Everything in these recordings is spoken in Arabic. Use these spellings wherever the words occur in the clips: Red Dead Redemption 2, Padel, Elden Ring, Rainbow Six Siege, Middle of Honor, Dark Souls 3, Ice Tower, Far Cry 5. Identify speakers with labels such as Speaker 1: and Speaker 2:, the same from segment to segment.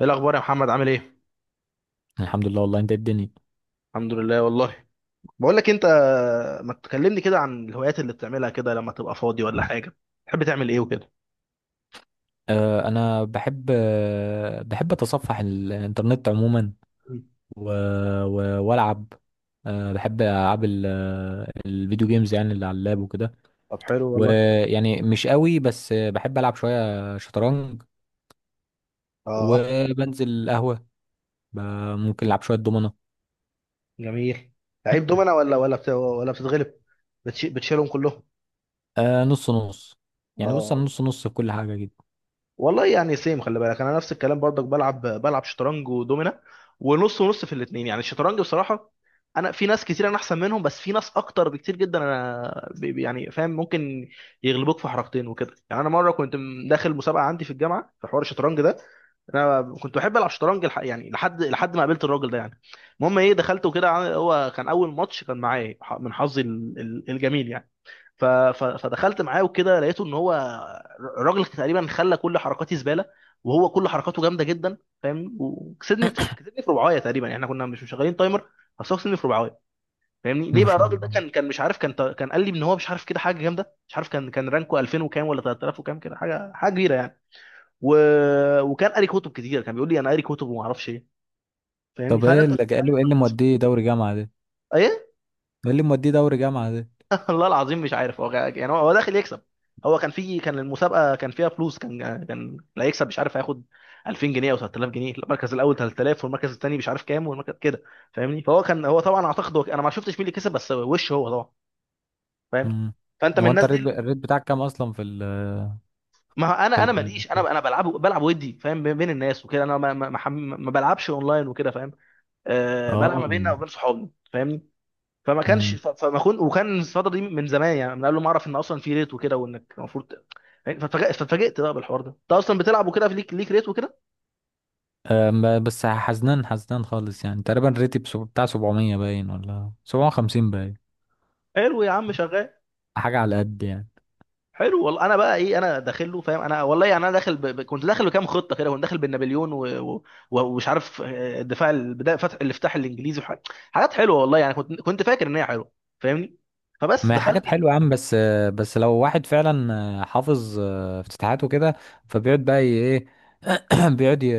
Speaker 1: ايه الاخبار يا محمد؟ عامل ايه؟
Speaker 2: الحمد لله والله، انت ايه الدنيا؟
Speaker 1: الحمد لله والله. بقول لك انت، ما تكلمني كده عن الهوايات اللي بتعملها كده لما تبقى فاضي ولا حاجه؟ تحب تعمل ايه وكده؟
Speaker 2: انا بحب اتصفح الانترنت عموما.
Speaker 1: مم.
Speaker 2: و... والعب. بحب العاب ال... آه، الفيديو جيمز، يعني اللي على اللاب وكده.
Speaker 1: طب حلو والله.
Speaker 2: ويعني مش قوي، بس بحب العب شويه شطرنج.
Speaker 1: اه.
Speaker 2: وبنزل قهوه. ب... ممكن العب شويه دومنه.
Speaker 1: جميل. لعيب دومنا ولا بتتغلب، بتشيلهم كلهم؟
Speaker 2: آه، نص نص. يعني بص، انا
Speaker 1: اه.
Speaker 2: نص نص في كل حاجه جدا.
Speaker 1: والله يعني سيم، خلي بالك انا نفس الكلام برضك، بلعب شطرنج ودومينا. ونص ونص في الاثنين. يعني الشطرنج بصراحه انا في ناس كتير انا احسن منهم، بس في ناس اكتر بكتير جدا انا يعني فاهم، ممكن يغلبوك في حركتين وكده. يعني انا مره كنت داخل مسابقه عندي في الجامعه في حوار الشطرنج ده. انا كنت بحب العب شطرنج يعني لحد ما قابلت الراجل ده يعني. المهم ايه، دخلت وكده، هو كان اول ماتش كان معايا، من حظي الجميل يعني. فدخلت معاه وكده، لقيته ان هو الراجل تقريبا خلى كل حركاتي زباله، وهو كل حركاته جامده جدا. فاهمني؟ وكسبني في ربعايه تقريبا يعني. احنا كنا مش مشغلين تايمر، بس هو كسبني في ربعايه. فاهمني؟ ليه
Speaker 2: ما
Speaker 1: بقى
Speaker 2: شاء
Speaker 1: الراجل ده؟
Speaker 2: الله.
Speaker 1: كان مش عارف، كان قال لي ان هو مش عارف كده، حاجه جامده مش عارف، كان رانكو 2000 وكام ولا 3000 وكام كده، حاجه كبيره يعني. و... وكان قاري كتب كتير، كان بيقول لي انا قاري كتب وما اعرفش ايه. فاهمني؟
Speaker 2: طب
Speaker 1: فهل
Speaker 2: ايه
Speaker 1: انت،
Speaker 2: اللي قال
Speaker 1: هل
Speaker 2: له
Speaker 1: انت من الاشخاص. ايه.
Speaker 2: ايه اللي موديه دوري جامعه ده؟
Speaker 1: والله العظيم مش عارف، يعني هو داخل يكسب، هو كان في، كان المسابقه كان فيها فلوس، كان اللي هيكسب مش عارف هياخد 2000 جنيه او 3000 جنيه، المركز الاول 3000 والمركز الثاني مش عارف كام، والمركز كده. فاهمني؟ فهو كان، هو طبعا اعتقد هو، انا ما شفتش مين اللي كسب بس وش، هو طبعا فاهم.
Speaker 2: مم.
Speaker 1: فانت من
Speaker 2: هو انت
Speaker 1: الناس دي
Speaker 2: الريت بتاعك كام اصلا في ال
Speaker 1: ما هو
Speaker 2: في
Speaker 1: انا انا
Speaker 2: ال
Speaker 1: ماليش، انا بلعب ودي فاهم، بين الناس وكده. انا ما بلعبش اونلاين وكده فاهم. أه، بلعب
Speaker 2: اه
Speaker 1: ما بيننا وبين صحابي فاهمني.
Speaker 2: امم
Speaker 1: فما كنت، وكان الفتره دي من زمان يعني، من قبل ما اعرف ان اصلا في ريت وكده، وانك المفروض يعني. فاتفاجئت بقى بالحوار ده، انت اصلا بتلعب وكده، في ليك ريت وكده.
Speaker 2: أم، بس حزنان حزنان خالص، يعني تقريبا ريتي بتاع 700 باين ولا 750 باين.
Speaker 1: حلو يا عم شغال.
Speaker 2: حاجة على قد، يعني.
Speaker 1: حلو والله. انا بقى ايه؟ انا داخل له فاهم. انا والله يعني انا داخل كنت داخل بكام خطه كده، كنت داخل بالنابليون ومش عارف الدفاع البدايه، فتح الافتتاح الانجليزي وحاجات، حلوه والله يعني، كنت فاكر ان هي حلوه فاهمني.
Speaker 2: ما
Speaker 1: فبس
Speaker 2: هي حاجات
Speaker 1: دخلت
Speaker 2: حلوة
Speaker 1: لقيت.
Speaker 2: يا عم، بس بس لو واحد فعلا حافظ افتتاحات وكده، فبيقعد بقى ايه... بيقعد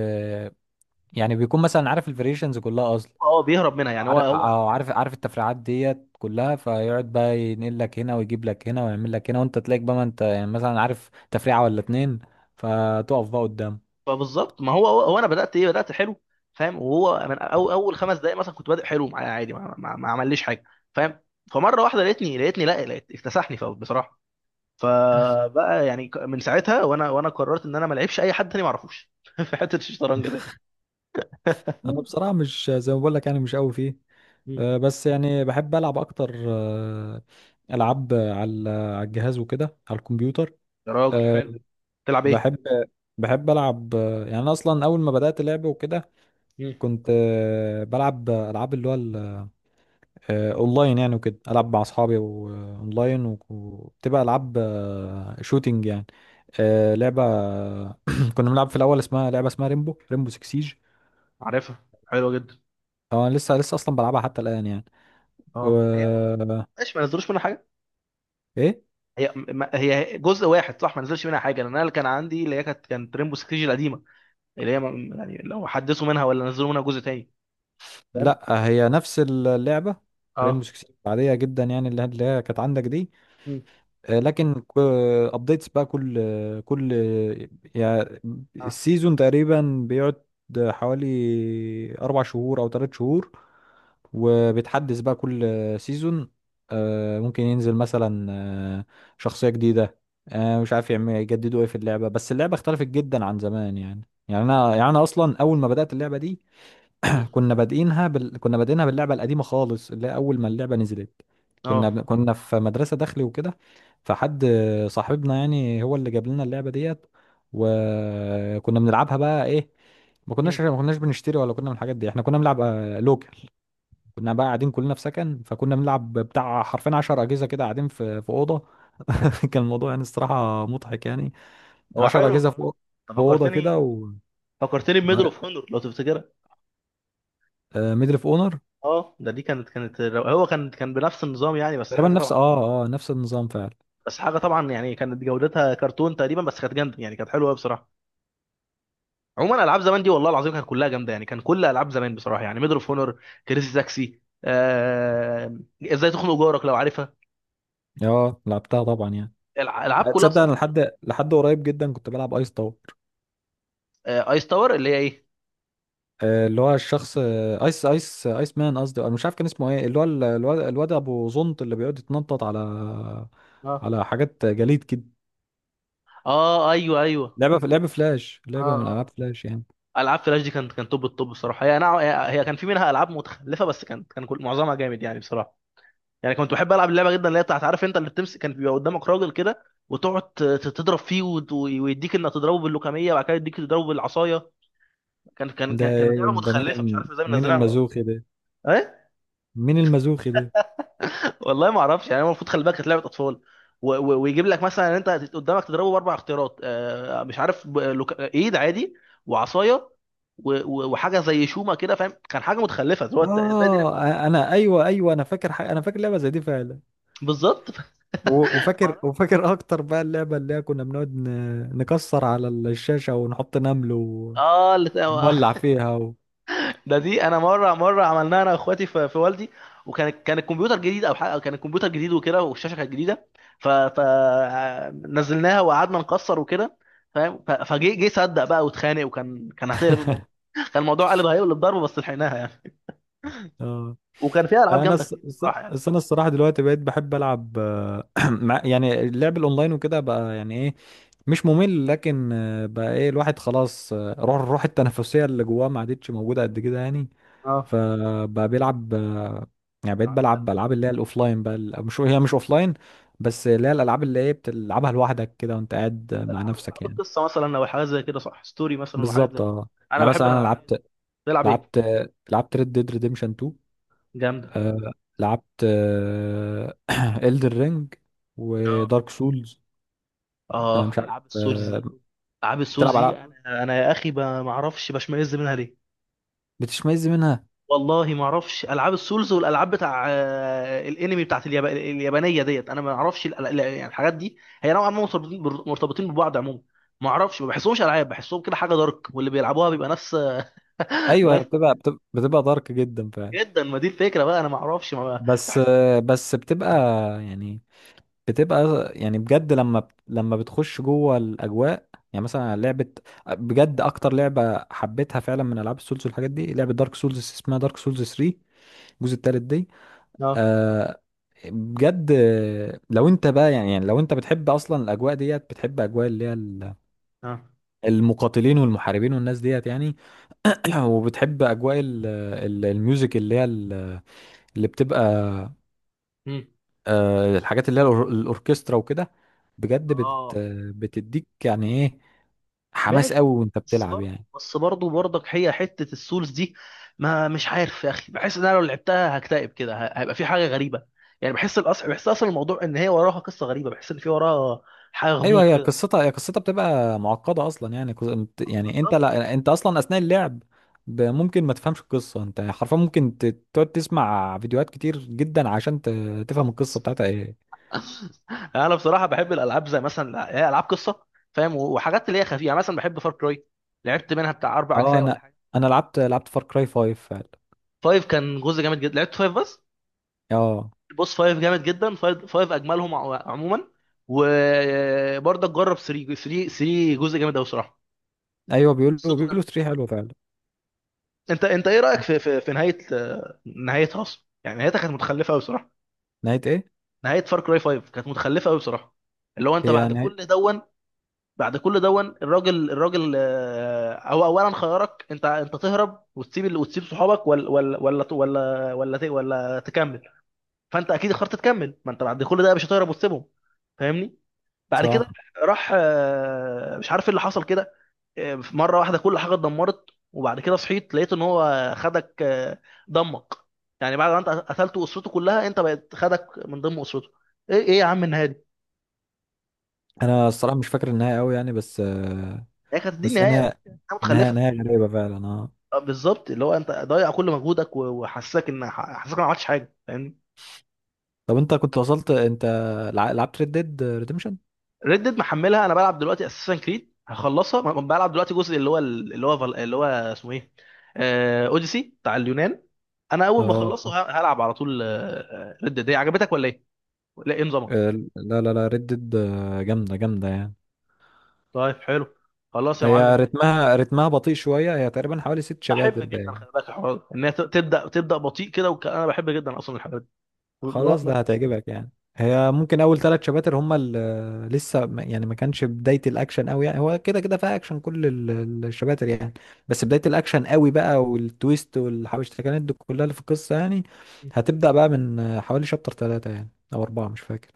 Speaker 2: يعني بيكون مثلا عارف الفاريشنز كلها.
Speaker 1: هو اه بيهرب منها يعني، هو
Speaker 2: عارف
Speaker 1: هو
Speaker 2: اه
Speaker 1: عارف
Speaker 2: عارف
Speaker 1: كل
Speaker 2: عارف
Speaker 1: حاجه.
Speaker 2: التفريعات ديت كلها، فيقعد بقى ينقل لك هنا ويجيب لك هنا ويعمل لك هنا، وانت تلاقيك بقى، ما انت يعني مثلا عارف تفريعه ولا اتنين، فتقف بقى قدام.
Speaker 1: فبالظبط، ما هو انا بدات ايه، بدات حلو فاهم. وهو من، أو اول 5 دقائق مثلا كنت بادئ حلو معايا عادي، ما عمليش حاجه فاهم. فمره واحده لقيتني لا، لقيت اكتسحني فوق بصراحه. فبقى يعني من ساعتها، وانا قررت ان انا ما العبش اي حد تاني ما اعرفوش في حته الشطرنج ده.
Speaker 2: انا بصراحه مش زي ما بقول لك، يعني مش قوي فيه.
Speaker 1: مم.
Speaker 2: بس يعني بحب العب اكتر، العاب على الجهاز وكده، على الكمبيوتر.
Speaker 1: يا راجل
Speaker 2: آه،
Speaker 1: حلو. تلعب ايه؟
Speaker 2: بحب بحب العب، يعني انا اصلا اول ما بدات لعب وكده،
Speaker 1: مم.
Speaker 2: كنت بلعب العاب اللي هو اونلاين، يعني وكده العب مع اصحابي واونلاين، وبتبقى العاب شوتينج يعني. لعبه كنا بنلعب في الاول اسمها لعبه، اسمها ريمبو 6 سيج.
Speaker 1: عارفها حلوه جدا.
Speaker 2: اه، انا لسه لسه اصلا بلعبها حتى الان يعني. و...
Speaker 1: اه، هي هو.
Speaker 2: آه،
Speaker 1: ماشي، ما نزلوش منها حاجه.
Speaker 2: ايه،
Speaker 1: هي ما هي جزء واحد صح، ما نزلش منها حاجه، لان انا اللي كان عندي اللي هي كانت ريمبو 6 القديمه، اللي هي يعني لو حدثوا منها ولا نزلوا منها جزء تاني فاهم.
Speaker 2: لا هي نفس اللعبه. ريمبو
Speaker 1: اه.
Speaker 2: 6 سيج عاديه جدا يعني، اللي هي كانت عندك دي.
Speaker 1: مم.
Speaker 2: لكن ابديتس بقى كل، يعني
Speaker 1: اه.
Speaker 2: السيزون تقريبا بيقعد حوالي 4 شهور او 3 شهور، وبيتحدث بقى كل سيزون. ممكن ينزل مثلا شخصية جديدة. مش عارف يعمل يجددوا ايه في اللعبة، بس اللعبة اختلفت جدا عن زمان يعني. يعني انا اصلا اول ما بدأت اللعبة دي،
Speaker 1: مم.
Speaker 2: كنا بادئينها باللعبه القديمه خالص، اللي هي اول ما اللعبه نزلت.
Speaker 1: اه.
Speaker 2: كنا في مدرسه داخلي وكده، فحد صاحبنا يعني هو اللي جاب لنا اللعبه ديت. وكنا بنلعبها بقى ايه، ما
Speaker 1: مم.
Speaker 2: كناش ما كناش بنشتري ولا كنا من الحاجات دي، احنا كنا بنلعب لوكال. كنا بقى قاعدين كلنا في سكن، فكنا بنلعب بتاع حرفين 10 اجهزه كده، قاعدين في اوضه. كان الموضوع يعني الصراحه مضحك يعني.
Speaker 1: هو
Speaker 2: 10
Speaker 1: حلو
Speaker 2: اجهزه
Speaker 1: بصراحه.
Speaker 2: في
Speaker 1: طب
Speaker 2: اوضه كده،
Speaker 1: فكرتني،
Speaker 2: و
Speaker 1: فكرتني بميدل اوف هونور لو تفتكرها.
Speaker 2: ميدل اوف اونر،
Speaker 1: اه، ده دي كانت هو كان بنفس النظام يعني، بس
Speaker 2: تقريبا
Speaker 1: حاجه
Speaker 2: نفس
Speaker 1: طبعا،
Speaker 2: اه اه نفس النظام فعلا.
Speaker 1: بس حاجه طبعا يعني، كانت جودتها كرتون تقريبا، بس كانت جامده يعني، كانت حلوه قوي بصراحه. عموما العاب زمان دي والله العظيم كانت كلها جامده يعني، كان كل العاب زمان بصراحه يعني ميدل اوف هونور، كريزي تاكسي، ازاي تخنق جارك لو عارفها،
Speaker 2: اه، لعبتها طبعا يعني.
Speaker 1: العاب كلها
Speaker 2: تصدق انا
Speaker 1: بصراحه.
Speaker 2: لحد قريب جدا كنت بلعب ايس تاور.
Speaker 1: جامدة. ايس تاور اللي هي ايه.
Speaker 2: اللي هو الشخص، ايس مان، قصدي انا مش عارف كان اسمه ايه، اللي هو الواد ابو زنط اللي بيقعد يتنطط على حاجات جليد كده.
Speaker 1: اه ايوه ايوه.
Speaker 2: لعبه فلاش،
Speaker 1: اه.
Speaker 2: لعبه من العاب
Speaker 1: آه.
Speaker 2: فلاش يعني.
Speaker 1: العاب فلاش دي كانت توب التوب بصراحه. هي انا هي كان في منها العاب متخلفه بس كان كل معظمها جامد يعني بصراحه. يعني كنت بحب العب اللعبه جدا اللي هي بتاعت، عارف انت اللي بتمسك، كان بيبقى قدامك راجل كده، وتقعد تضرب فيه ويديك انك تضربه باللوكاميه، وبعد كده يديك تضربه بالعصايه.
Speaker 2: ده
Speaker 1: كانت
Speaker 2: إيه؟
Speaker 1: لعبه
Speaker 2: ده
Speaker 1: متخلفه، مش عارف ازاي
Speaker 2: مين
Speaker 1: منزلها على الأطفال.
Speaker 2: المازوخي ده؟
Speaker 1: ايه.
Speaker 2: مين المازوخي ده
Speaker 1: والله ما اعرفش يعني، هو المفروض خلي بالك كانت لعبه اطفال، ويجيب لك مثلا ان انت قدامك تضربه باربع اختيارات، آه مش عارف، ايد عادي، وعصايه، وحاجه زي شومه كده فاهم، كان حاجه متخلفه، اللي هو انت ازاي دي
Speaker 2: اه،
Speaker 1: لعبه؟
Speaker 2: انا، ايوه، ايوه، انا فاكر حاجه، انا فاكر لعبه زي دي فعلا.
Speaker 1: بالظبط. ما أعرف.
Speaker 2: وفاكر اكتر بقى اللعبه اللي هي كنا بنقعد نكسر على الشاشه ونحط نمل
Speaker 1: اه،
Speaker 2: ونولع فيها.
Speaker 1: ده دي انا مره عملناها انا واخواتي في، والدي، وكان الكمبيوتر جديد او حاجه، كان الكمبيوتر جديد وكده، والشاشه كانت جديده. ف ف نزلناها وقعدنا نكسر وكده فاهم. ف- فجه جه صدق بقى واتخانق، وكان هتقلب الموضوع. كان الموضوع قلب، هيقلب ضرب، بس لحقناها يعني.
Speaker 2: اه،
Speaker 1: وكان فيها العاب
Speaker 2: انا
Speaker 1: جامده كتير بصراحه يعني.
Speaker 2: الصراحه دلوقتي بقيت بحب العب، يعني اللعب الاونلاين وكده بقى، يعني ايه، مش ممل، لكن بقى ايه الواحد، خلاص روح التنافسيه اللي جواه ما عادتش موجوده قد كده يعني.
Speaker 1: اه.
Speaker 2: فبقى بيلعب يعني. بقيت
Speaker 1: العاب
Speaker 2: بلعب
Speaker 1: بقى-
Speaker 2: العاب اللي هي الاوفلاين بقى، مش اوفلاين، بس اللي هي الالعاب اللي هي بتلعبها لوحدك كده وانت قاعد مع
Speaker 1: العاب
Speaker 2: نفسك
Speaker 1: العاب
Speaker 2: يعني.
Speaker 1: القصه مثلا او حاجات زي كده صح؟ ستوري مثلا وحاجات زي
Speaker 2: بالظبط،
Speaker 1: كده.
Speaker 2: اه.
Speaker 1: انا
Speaker 2: يعني
Speaker 1: بحب
Speaker 2: مثلا انا
Speaker 1: الالعاب دي. تلعب ايه؟
Speaker 2: لعبت لعبت ريد ديد ريديمشن 2.
Speaker 1: جامده.
Speaker 2: آه لعبت Elden رينج
Speaker 1: اه.
Speaker 2: ودارك سولز. آه،
Speaker 1: اه
Speaker 2: مش عارف،
Speaker 1: العاب السولز
Speaker 2: آه.
Speaker 1: دي. العاب
Speaker 2: بتلعب
Speaker 1: السولز دي
Speaker 2: العاب
Speaker 1: انا، يا اخي ما اعرفش بشمئز منها ليه.
Speaker 2: بتشمئز منها؟
Speaker 1: والله ما اعرفش، العاب السولز والالعاب بتاع الانمي، بتاعت اليابانيه ديت انا ما اعرفش يعني الحاجات دي، هي نوعا ما مرتبطين مرتبطين ببعض عموما. ما اعرفش، ما بحسهمش العاب، بحسهم كده حاجه دارك، واللي بيلعبوها بيبقى ناس.
Speaker 2: ايوه، هي
Speaker 1: ناس
Speaker 2: بتبقى دارك جدا فعلا.
Speaker 1: جدا. ما دي الفكره بقى، انا ما اعرفش، ما
Speaker 2: بس
Speaker 1: بحس.
Speaker 2: آه بس يعني بتبقى يعني، بجد لما بتخش جوه الاجواء، يعني مثلا لعبه، بجد اكتر لعبه حبيتها فعلا من العاب السولز والحاجات دي، لعبه دارك سولز، اسمها دارك سولز 3، الجزء التالت دي.
Speaker 1: اه.
Speaker 2: آه بجد، لو انت بقى يعني، لو انت بتحب اصلا الاجواء ديت، بتحب اجواء اللي هي
Speaker 1: اه.
Speaker 2: المقاتلين والمحاربين والناس ديت يعني. وبتحب اجواء الميوزك، اللي هي اللي بتبقى،
Speaker 1: مم.
Speaker 2: الحاجات اللي هي الاوركسترا وكده. بجد
Speaker 1: اه.
Speaker 2: بتديك يعني ايه، حماس
Speaker 1: ماشي
Speaker 2: قوي
Speaker 1: بقى،
Speaker 2: وانت
Speaker 1: بس
Speaker 2: بتلعب
Speaker 1: برضه
Speaker 2: يعني.
Speaker 1: بس برضه برضك، هي حتة السولز دي ما، مش عارف يا اخي، بحس ان انا لو لعبتها هكتئب كده، هيبقى في حاجة غريبة. يعني بحس الاصل، بحس اصلا الموضوع ان هي وراها قصة غريبة، بحس ان في وراها حاجة
Speaker 2: ايوه،
Speaker 1: غموض
Speaker 2: هي
Speaker 1: كده.
Speaker 2: قصتها هي قصتها بتبقى معقده اصلا، يعني يعني انت،
Speaker 1: بالظبط.
Speaker 2: لا، انت اصلا اثناء اللعب ممكن ما تفهمش القصه، انت حرفيا ممكن تقعد تسمع فيديوهات كتير جدا عشان
Speaker 1: افهم
Speaker 2: تفهم القصه
Speaker 1: القصة.
Speaker 2: بتاعتها ايه.
Speaker 1: انا بصراحة بحب الالعاب زي مثلا هي العاب قصة فاهم، وحاجات اللي هي خفيفة يعني. مثلا بحب فار كراي، لعبت منها بتاع اربع
Speaker 2: اه،
Speaker 1: اجزاء ولا
Speaker 2: انا
Speaker 1: حاجة.
Speaker 2: لعبت فار كراي 5 فعلا.
Speaker 1: فايف كان جزء جامد جدا، لعبت فايف بس.
Speaker 2: اه،
Speaker 1: البوس 5 جامد جدا، 5 5 اجملهم عموما. وبرضه جرب 3، 3 جزء جامد قوي بصراحه،
Speaker 2: ايوه، بيقولوا
Speaker 1: قصته جامده.
Speaker 2: 3 حلوه فعلا.
Speaker 1: انت ايه رايك في، في نهايه، نهايتها اصلا يعني، نهايتها كانت متخلفه قوي بصراحه.
Speaker 2: نهايه ايه؟
Speaker 1: نهايه فار كراي 5 كانت متخلفه قوي بصراحه، اللي هو انت
Speaker 2: هي
Speaker 1: بعد
Speaker 2: نهايه.
Speaker 1: كل دون. بعد كل دون الراجل، هو اولا خيارك، انت تهرب وتسيب وتسيب صحابك ولا تكمل. فانت اكيد اخترت تكمل، ما انت بعد كل ده مش هتهرب وتسيبهم فاهمني. بعد كده
Speaker 2: صح.
Speaker 1: راح، مش عارف ايه اللي حصل كده. في مره واحده كل حاجه اتدمرت، وبعد كده صحيت لقيت ان هو خدك، دمك. يعني بعد ما انت قتلته اسرته كلها، انت بقت خدك من ضمن اسرته. ايه ايه يا عم النهايه دي.
Speaker 2: انا الصراحه مش فاكر النهايه قوي يعني، بس آه،
Speaker 1: هي كانت دي
Speaker 2: بس
Speaker 1: النهايه بس.
Speaker 2: انا
Speaker 1: حاجة متخلفه.
Speaker 2: نهايه غريبه فعلا، اه.
Speaker 1: بالظبط. اللي هو انت ضايع كل مجهودك، وحسسك ان، حسسك إن ما عملتش حاجه فاهمني.
Speaker 2: طب انت كنت وصلت، انت لعبت ريد ديد ريديمشن؟
Speaker 1: ريد ديد محملها، انا بلعب دلوقتي اساسا كريد، هخلصها بلعب دلوقتي جزء اللي هو اسمه ايه، اوديسي بتاع اليونان. انا اول ما
Speaker 2: اه،
Speaker 1: اخلصه هلعب على طول. ريد ديد عجبتك ولا ايه؟ لا، ايه نظامها؟
Speaker 2: لا، لا، لا، ريد ديد جامده جامده يعني.
Speaker 1: طيب حلو، خلاص يا
Speaker 2: هي
Speaker 1: معلم ماشي.
Speaker 2: رتمها بطيء شويه، هي تقريبا حوالي ست
Speaker 1: بحب
Speaker 2: شباتر
Speaker 1: جدا
Speaker 2: باين.
Speaker 1: خلي بالك الحوار ده، ان هي تبدا بطيء كده، انا بحب جدا اصلا الحاجات دي. ما-
Speaker 2: خلاص،
Speaker 1: ما-
Speaker 2: ده
Speaker 1: ما-
Speaker 2: هتعجبك يعني. هي ممكن اول 3 شباتر هما اللي لسه يعني ما كانش بدايه الاكشن قوي يعني، هو كده كده فيها اكشن كل الشباتر يعني، بس بدايه الاكشن قوي بقى، والتويست والحبشتكنات دي كلها اللي في القصه يعني، هتبدا بقى من حوالي شابتر 3 يعني، او 4، مش فاكر.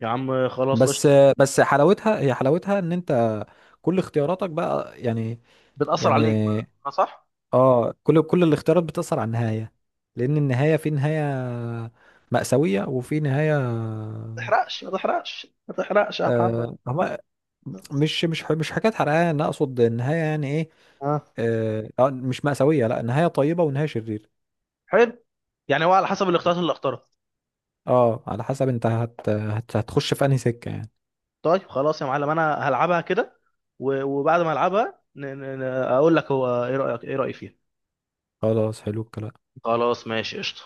Speaker 1: يا عم خلاص
Speaker 2: بس
Speaker 1: قشطه.
Speaker 2: بس حلاوتها ان انت كل اختياراتك بقى يعني،
Speaker 1: بتاثر
Speaker 2: يعني
Speaker 1: عليك ما... آه، صح.
Speaker 2: اه كل الاختيارات بتأثر على النهاية، لأن النهاية في نهاية مأساوية وفي نهاية
Speaker 1: ما تحرقش، ما تحرقش، ما تحرقش يا محمد.
Speaker 2: آه هما مش حكاية حرقانة، أنا أقصد النهاية يعني إيه.
Speaker 1: اه.
Speaker 2: مش مأساوية، لا، نهاية طيبة ونهاية شريرة.
Speaker 1: حلو. يعني هو على حسب الاختيارات اللي اختارها.
Speaker 2: اه، على حسب أنت هتخش في أنهي سكة يعني.
Speaker 1: طيب خلاص يا معلم انا هلعبها كده، وبعد ما العبها اقول لك هو ايه رايك، ايه رايي فيها.
Speaker 2: خلاص، حلو الكلام.
Speaker 1: خلاص ماشي قشطه.